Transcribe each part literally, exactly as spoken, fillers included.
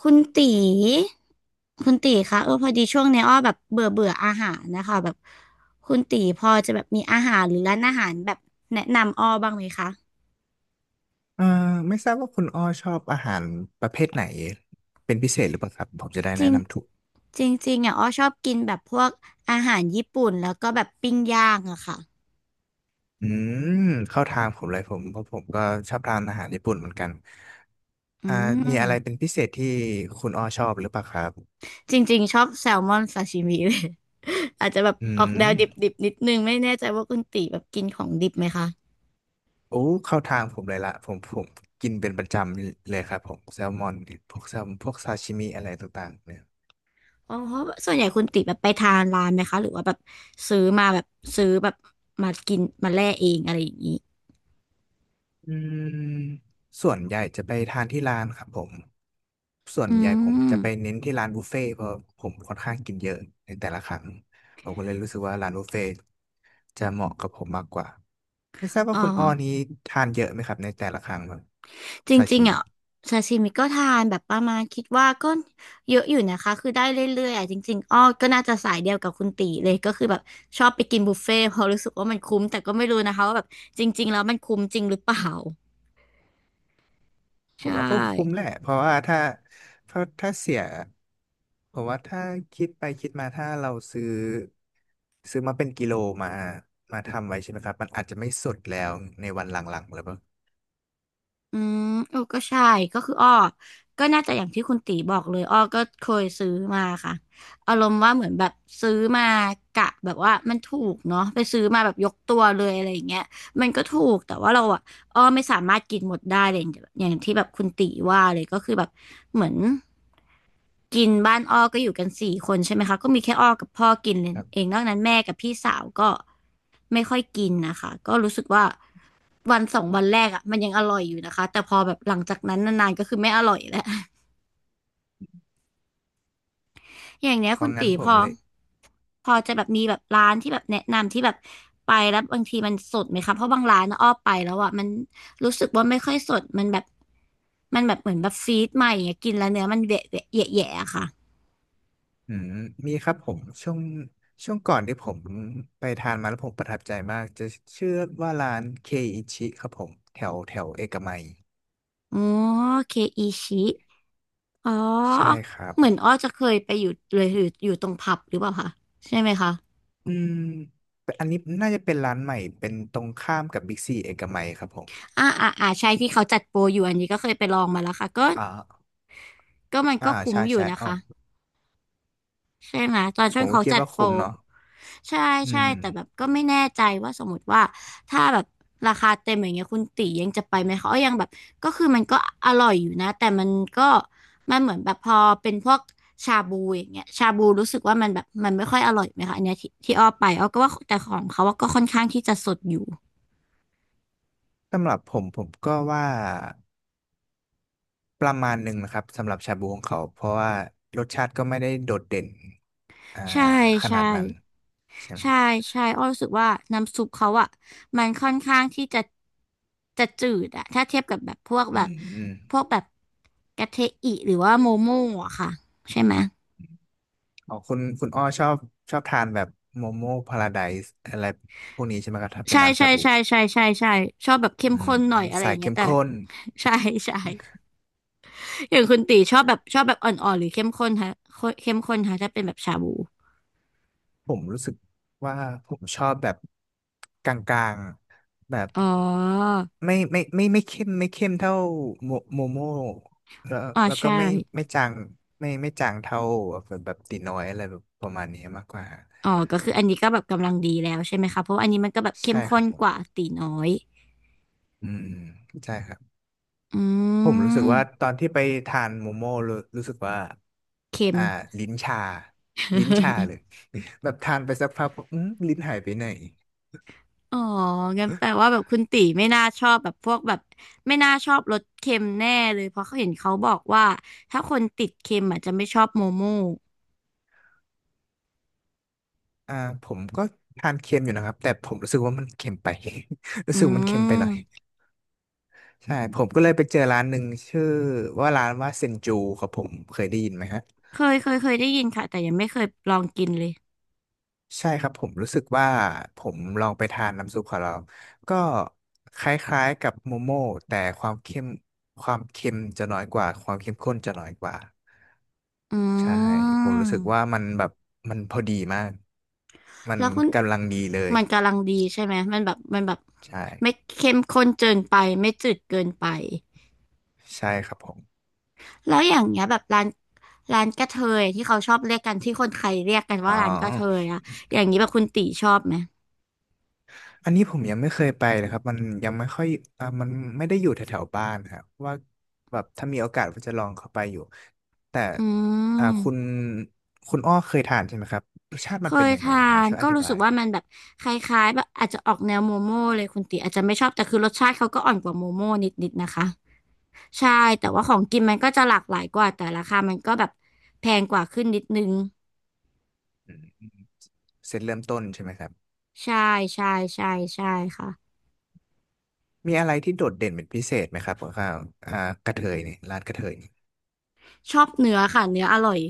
คุณตีคุณตีคะเออพอดีช่วงเนี้ยอ้อแบบเบื่อเบื่ออาหารนะคะแบบคุณตีพอจะแบบมีอาหารหรือร้านอาหารแบบแนะนำอ้อบ้างไหมคะเอ่อไม่ทราบว่าคุณอ้อชอบอาหารประเภทไหนเป็นพิเศษหรือเปล่าครับผมจะได้จแนะริงนำถูกจริงจริงอ่ะอ้อชอบกินแบบพวกอาหารญี่ปุ่นแล้วก็แบบปิ้งย่างอะค่ะอืมเข้าทางผมเลยผมเพราะผมก็ชอบทานอาหารญี่ปุ่นเหมือนกันอือ่ามีอะไรเป็นมพิเศษที่คุณอ้อชอบหรือเปล่าครับจริงๆชอบแซลมอนซาชิมิเลย อาจจะแบบอืออกแนมวดิบๆนิดนึงไม่แน่ใจว่าคุณตีแบบกินของดิบไหมคะ โอ้เข้าทางผมเลยละผมผมกินเป็นประจำเลยครับผมแซลมอนพวกแซลพวกซาชิมิอะไรต่างๆเนี่ยอ๋อเพราะส่วนใหญ่คุณติแบบไปทานร้านไหมคะหรือว่าแบบซื้อมาแบบซื้อแบบมากินมาแล่เองอะไรอย่างนี้อืมส่วนใหญ่จะไปทานที่ร้านครับผม ส่วนอืใหญ่ผมมจะไปเน้นที่ร้านบุฟเฟ่ต์เพราะผมค่อนข้างกินเยอะในแต่ละครั้งผมก็เลยรู้สึกว่าร้านบุฟเฟ่ต์จะเหมาะกับผมมากกว่าไม่ทราบว่าอ๋อคุณอ้อนี้ทานเยอะไหมครับในแต่ละครั้งแบบจซาริชิงๆมิอ่ะซาชิมิก็ทานแบบประมาณคิดว่าก็เยอะอยู่นะคะคือได้เรื่อยๆอ่ะจริงๆอ้อก็น่าจะสายเดียวกับคุณตีเลยก็คือแบบชอบไปกินบุฟเฟ่ต์เพราะรู้สึกว่ามันคุ้มแต่ก็ไม่รู้นะคะว่าแบบจริงๆแล้วมันคุ้มจริงหรือเปล่า ผมใช่ ว่าก็คุ้มแหละเพราะว่าถ้าเพราะถ้าเสียผมว่าถ้าคิดไปคิดมาถ้าเราซื้อซื้อมาเป็นกิโลมามาทำไว้ใช่ไหมครับมันอาจจะไม่สดแล้วในวันหลังๆหรือเปล่าอืมเออก็ใช่ก็คืออ้อก็น่าจะอย่างที่คุณตีบอกเลยอ้อก็เคยซื้อมาค่ะอารมณ์ว่าเหมือนแบบซื้อมากะแบบว่ามันถูกเนาะไปซื้อมาแบบยกตัวเลยอะไรอย่างเงี้ยมันก็ถูกแต่ว่าเราอะ อ้อไม่สามารถกินหมดได้เลยอย่างที่แบบคุณติว่าเลยก็คือแบบเหมือนกินบ้านอ้อก็อยู่กันสี่คนใช่ไหมคะก็มีแค่อ้อกับพ่อกินครัเอบงนอกนั้นแม่กับพี่สาวก็ไม่ค่อยกินนะคะก็รู้สึกว่าวันสองวันแรกอ่ะมันยังอร่อยอยู่นะคะแต่พอแบบหลังจากนั้นนานๆก็คือไม่อร่อยแล้ว อย่างเนี้ยเพคุราะณงั้นตีผพมอเลย พอจะแบบมีแบบร้านที่แบบแนะนำที่แบบไปแล้วบางทีมันสดไหมคะเพราะบางร้านนะอ้อไปแล้วอ่ะมันรู้สึกว่าไม่ค่อยสดมันแบบมันแบบเหมือนแบบฟีดใหม่อย่างเงี้ยกินแล้วเนื้อมันแหวะแหวะแหยะแหยะอะค่ะอืมมีครับผมช่วงช่วงก่อนที่ผมไปทานมาแล้วผมประทับใจมากจะชื่อว่าร้านเคอิชิครับผมแถวแถวเอกมัยอ๋อเคอีชิอ๋ใช่อครับเหมือนอ้อจะเคยไปอยู่เลยอยู่อยู่ตรงผับหรือเปล่าคะใช่ไหมคะอืมเป็นอันนี้น่าจะเป็นร้านใหม่เป็นตรงข้ามกับบิ๊กซีเอกมัยครับผมอ่าอ่าอ่าใช่ที่เขาจัดโปรอยู่อันนี้ก็เคยไปลองมาแล้วค่ะก็อ่าก็มันอ่าก็คุ้มใช่อยู่ใช่นะอ๋อคะ ใช่ไหมตอนผช่วมงก็เขาคิดจัดว่าโปรคุ้มเนาะใช่อืใช่มแต่แบบก็ไม่แน่ใจว่าสมมติว่าถ้าแบบราคาเต็มอย่างเงี้ยคุณตียังจะไปไหมเขายังแบบก็คือมันก็อร่อยอยู่นะแต่มันก็มันเหมือนแบบพอเป็นพวกชาบูอย่างเงี้ยชาบูรู้สึกว่ามันแบบมันไม่ค่อยอร่อยไหมคะอันเนี้ยที่ที่อ้อไปอ้อก็ว่าแต่ของเขาว่าก็ค่อนข้างที่จะสดอยู่สำหรับผมผมก็ว่าประมาณหนึ่งนะครับสำหรับชาบูของเขาเพราะว่ารสชาติก็ไม่ได้โดดเด่นอ่าใช่ขใช่ นาดนั้นใช่ไหม ใช่ใช่อ้อรู้สึกว่าน้ำซุปเขาอ่ะมันค่อนข้างที่จะจะจืดอะถ้าเทียบกับแบบพวกอืแบบมอืมพวกแบบกะเทอิหรือว่าโมโม่อะค่ะใช่ไหมอ๋อคุณคุณอ้อชอบชอบทานแบบโมโม่พาราไดซ์อะไรพวกนี้ใช่ไหมครับถ้าเป็นใช่น้ำชาใช่บูใช่ใช่ใช่ใช่ชอบแบบอืเข้มมข้นหน่อยอะไรสาอยย่างเงี้เข้ยมแต่ข้นใช่ใช่อย่างคุณตีชอบแบบชอบแบบอ่อนๆหรือเข้มข้นฮะเข้มข้นฮะถ้าเป็นแบบชาบูผมรู้สึกว่าผมชอบแบบกลางๆแบบอ๋อไม่ไม่ไม่ไม่เข้มไม่เข้มเท่าโมโมโม่แล้วอ๋อแล้วก็ใช่ไม่ไม่จางไม่ไม่จางเท่าแบบแบบตีน้อยอะไรแบบประมาณนี้มากกว่าอ๋อก็คืออันนี้ก็แบบกำลังดีแล้วใช่ไหมคะเพราะว่าอันนี้มันก็แบบเข้มใช่คข้รับนผกมว่าตีน้อยอืมอืมใช่ครับ อืผมรู้สึกว่าตม อนที่ไปทานโมโม่รู้รู้สึกว่าเค็ม อ่าลิ้นชาลิ้นชาเล ย แบบทานไปสักพักอืมลิ้นหายไปไหนอ๋องั้นแปลว่าแบบคุณตีไม่น่าชอบแบบพวกแบบไม่น่าชอบรสเค็มแน่เลยเพราะเขาเห็นเขาบอกว่าถ้าคนติดเค็มอาจจะไม่ชอบโมโม่อ่าผมก็ทานเค็มอยู่นะครับแต่ผมรู้สึกว่ามันเค็มไป รู้อืสึกมันเค็มไปหน่อยมใช่ผมก็เลยไปเจอร้านหนึ่งชื่อว่าร้านว่าเซนจูครับผมเคยได้ยินไหมฮะ เคยเคยเคยได้ยินค่ะแต่ยังไม่เคยลองกินเลยใช่ครับผมรู้สึกว่าผมลองไปทานน้ำซุปของเราก็คล้ายๆกับโมโม่แต่ความเข้มความเค็มจะน้อยกว่าความเข้มข้นจะน้อยกว่าอใช่ืผมรู้สึกว่ามมันแบบมันพอดีมากมันแล้วคุณกำลังดีเลยมันกำลังดีใช่ไหมมันแบบมันแบบใช่ไม่เค็มข้นเกินไปไม่จืดเกินไป ใช่ครับผมแล้วอย่างเงี้ยแบบร้านร้านกระเทยที่เขาชอบเรียกกันที่คนไทยเรียกกันอ๋อ ว่าร้านกระเทยอะอย่างนี้แบบคุณตีชอบไหมอันนี้ผมยังไม่เคยไปเลยครับมันยังไม่ค่อยอ่ามันไม่ได้อยู่แถวๆบ้านครับว่าแบบถ้ามีโอกาสก็จะลองเข้าไปอยู่แต่อือ่าคุณมคุณอ้อเคยทานใช่ไหมครับรสชาติมัเคนเป็นยยังไงทาล่ะฮะนช่วยอก็ธิรู้บาสึกยว่ามันแบบคล้ายๆแบบอาจจะออกแนวโมโม่เลยคุณตีอาจจะไม่ชอบแต่คือรสชาติเขาก็อ่อนกว่าโมโม่นิดๆนะคะใช่แต่ว่าของกินมันก็จะหลากหลายกว่าแต่ราคามันก็แบบแพงกว่าขึ้นนิดนึงอืมเสร็จเริ่มต้นใช่ไหมครับใช่ใช่ใช่ใช่ค่ะมีอะไรที่โดดเด่นเป็นพิเศษไหมครับข้าวอ่ากระเทยนี่ร้านกระเทยนี่ชอบเนื้อค่ะเนื้ออร่อย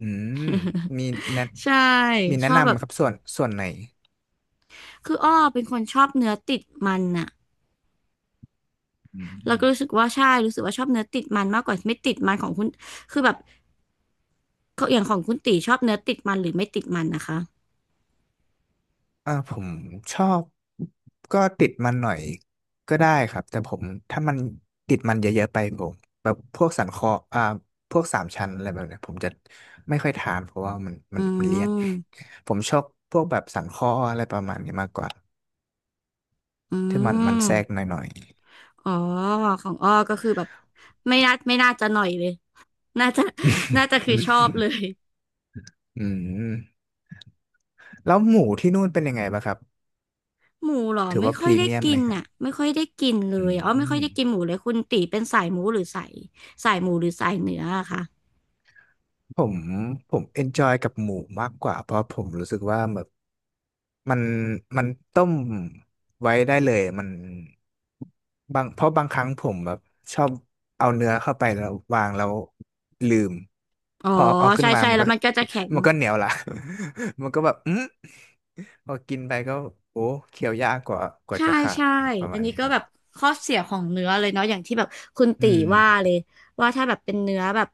อืมมีแนะใช่มีชแนะอบนำแบไหมบครับส่วนส่วนไหนคืออ้อเป็นคนชอบเนื้อติดมันอะ อืแล้วก็รู้สึม กว่าใช่รู้สึกว่าชอบเนื้อติดมันมากกว่าไม่ติดมันของคุณคือแบบอย่างของคุณตีชอบเนื้อติดมันหรือไม่ติดมันนะคะอ่าผมชอบก็ติดมันหน่อยก็ได้ครับแต่ผมถ้ามันติดมันเยอะๆไปผมแบบพวกสันคออ่าพวกสามชั้นอะไรแบบเนี้ยผมจะไม่ค่อยทานเพราะว่ามันมัอืนมันเลี่ยนมผมชอบพวกแบบสันคออะไรประมาณนี้มากกว่าอืที่มันมันมแทรกหน่อยอ๋อของอ้อก็คือแบบไม่น่าไม่น่าจะหน่อยเลยน่าจะน่าจะคือชอบเลยๆ อืมแล้วหมูที่นู่นเป็นยังไงบ้างครับหมูเหรอถือไม่ว่าพค่อยรีได้เมียมกิไหมนครับอ่ะไม่ค่อยได้กินเลอืยอ้อไม่ค่อยม ได้กินหมูเลยคุณตีเป็นสายหมูหรือสายสายหมูหรือสายเนื้ออะคะผมผมเอนจอยกับหมูมากกว่าเพราะผมรู้สึกว่าแบบมันมันต้มไว้ได้เลยมันบางเพราะบางครั้งผมแบบชอบเอาเนื้อเข้าไปแล้ววางแล้วลืมอ๋อพอเอาขึ้นใช่มาใช่มันแล้วก็ มันก็จะแข็ง มันก็เหนียวละ มันก็แบบอืมพอกินไปก็โอ้เคี้ยวยากกว่ากว่าใช่จะขาดใช่ประอัมานณนี้นี้ก็ครัแบบบข้อเสียของเนื้อเลยเนาะอย่างที่แบบคุณอืตีมว่าเลยว่าถ้าแบบเป็นเนื้อแบบ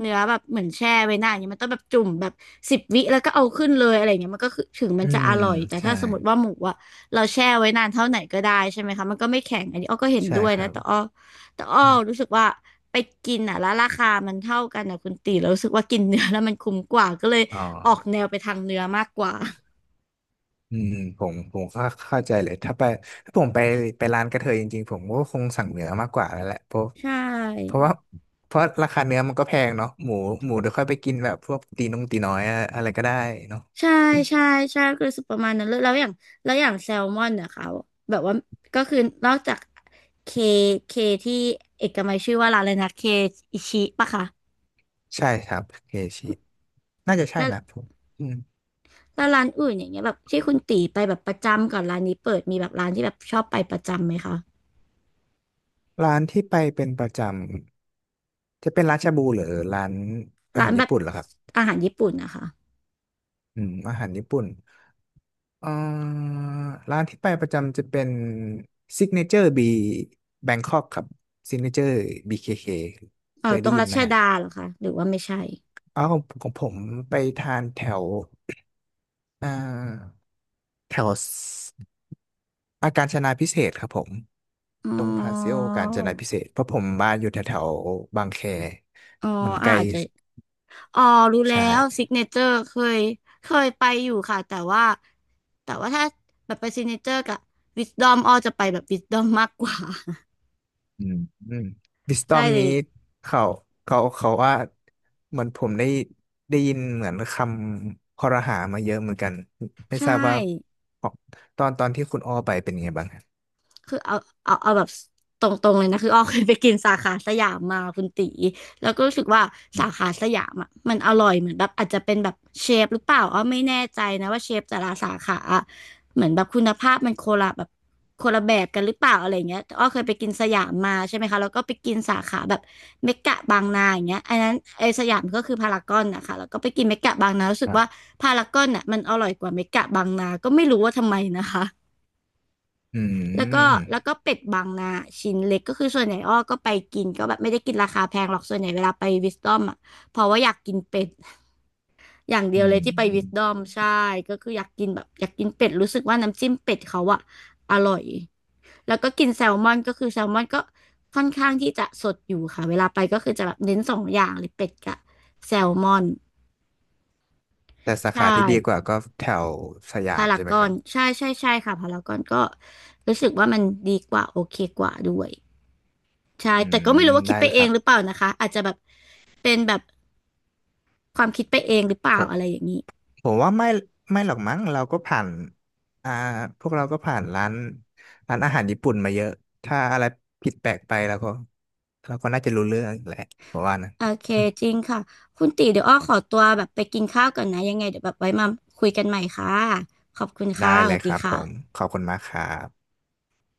เนื้อแบบเหมือนแช่ไว้นานอย่างเงี้ยมันต้องแบบจุ่มแบบสิบวิแล้วก็เอาขึ้นเลยอะไรเงี้ยมันก็คือถึงมัอืนจะมอร่อยแต่ใช่ถ้าสมมติว่าหมูอะเราแช่ไว้นานเท่าไหนก็ได้ใช่ไหมคะมันก็ไม่แข็งอันนี้อ้อก็เห็นใช่ด้วยครันะแต่อ้บอแต่อ้ออมรู้สึกว่าไปกินอะแล้วราคามันเท่ากันอะคุณตีเรารู้สึกว่ากินเนื้อแล้วมันคุ้มกว่าก็เลยอ๋อ ออกแนวไปทางเนื้อมากกว่าอืมผมผมก็เข้าใจเลยถ้าไปถ้าผมไปไปร้านกระเทยจริงๆผมก็คงสั่งเนื้อมากกว่าแล้วแหละเพราะใช่ เพราะว่าเพราะราคาเนื้อมันก็แพงเนาะหมูหมูเดี๋ยวค่อยไปกินแบบพวกตีนงตีน้อยอะอะไรก็ได้เนาะใช่ใช่ใช่ก็รู้สึกประมาณนั้นเลยแล้วอย่างแล้วอย่างแซลมอนเนี่ยเขาแบบว่าก็คือนอกจากเคเคที่เอกมัยชื่อว่าร้านอะไรนะเคอิชิปะคะใช่ครับเคชิน่าจะใช่แล้วนะผมอืมแล้วร้านอื่นอย่างเงี้ยแบบที่คุณตีไปแบบประจำก่อนร้านนี้เปิดมีแบบร้านที่แบบชอบไปประจำไหมคะร้านที่ไปเป็นประจำจะเป็นร้านชาบูหรือร้านอาร้าหานรแบญี่บปุ่นเหรอครับอาหารญี่ปุ่นนะคะอืมอาหารญี่ปุ่น เอ่อร้านที่ไปประจำจะเป็น Signature B Bangkok ครับ Signature บี เค เค เคเคอ๋เคอยตรได้งยิรันไหมชดาฮะเหรอคะหรือว่าไม่ใช่อ๋อของของผมไปทานแถวเอ่อแถวอาการจนาพิเศษกครับผมอ๋อตรงพาซิโอการจนาพิเศษกเพราะผมบ้านอยู่แถวแถวบางแคอ๋อมันไกอาลอาจจะ อ๋อรู้ใชแล้วซิ่ กเนเจอร์เคยเคยไปอยู่ค่ะแต่ว่าแต่ว่าถ้าแบบไปซิกเนเจอร์กับวิสดอมอ้อจะไปแบบวิสดอมมากกว่า อืมอืมวิสต อใช่มเลนี้ยเขาเขาเขาว่าเหมือนผมได้ได้ยินเหมือนคำคอรหามาเยอะเหมือนกันไม่ทใช่ ราบว่าตอนตอนที่คุณอ้อไปเป็นไงบ้างครับคือเอาเอาเอาแบบตรงๆเลยนะคืออ้อเคยไปกินสาขาสยามมาคุณตีแล้วก็รู้สึกว่าอืสามขาสยามอ่ะมันอร่อยเหมือนแบบอาจจะเป็นแบบเชฟหรือเปล่าอ้อไม่แน่ใจนะว่าเชฟแต่ละสาขาอะเหมือนแบบคุณภาพมันโคนละแบบคนละแบบกันหรือเปล่าอะไรเงี้ยแต่อ้อเคยไปกินสยามมาใช่ไหมคะแล้วก็ไปกินสาขาแบบเมกะบางนาอย่างเงี้ยอันนั้นไอสยามก็คือพารากอนนะคะแล้วก็ไปกินเมกะบางนารู้คสึกรัว่าบพารากอนอ่ะมันอร่อยกว่าเมกะบางนาก็ไม่รู้ว่าทำไมนะคะ อืแล้วก็มแล้วก็เป็ดบางนาชิ้นเล็กก็คือส่วนใหญ่อ้อก็ไปกินก็แบบไม่ได้กินราคาแพงหรอกส่วนใหญ่เวลาไปวิสตอมอ่ะเพราะว่าอยากกินเป็ด อย่างเดีอืยวเลยมที่ไปอืวิมสตอมใช่ก็คืออยากกินแบบอยากกินเป็ดรู้สึกว่าน้ำจิ้มเป็ดเขาอ่ะอร่อยแล้วก็กินแซลมอนก็คือแซลมอนก็ค่อนข้างที่จะสดอยู่ค่ะเวลาไปก็คือจะแบบเน้นสองอย่างเลยเป็ดกับแซลมอนแต่สาใช่ขาที่ดีกว่าก็แถวสยาพามราใช่ไหมกคอรันบใช่ใช่ใช่ค่ะพารากอนก็รู้สึกว่ามันดีกว่าโอเคกว่าด้วย ใช่อืแต่ก็มไม่รู้ว่าได้คิดไปเลยเอครังบหรือเปล่านะคะอาจจะแบบเป็นแบบความคิดไปเองหรือเปผล่าม อะไรอย่างนี้ผมว่าไม่ไม่หรอกมั้งเราก็ผ่านอ่าพวกเราก็ผ่านร้านร้านอาหารญี่ปุ่นมาเยอะถ้าอะไรผิดแปลกไปเราก็เราก็น่าจะรู้เรื่องแหละผมว่านะโอเคจริงค่ะคุณตีเดี๋ยวอ้อขอตัวแบบไปกินข้าวก่อนนะยังไงเดี๋ยวแบบไว้มาคุยกันใหม่ค่ะขอบคุณได้ค่ะสเลยวัสคดีรับผมค่ะขอบคุณมากครับ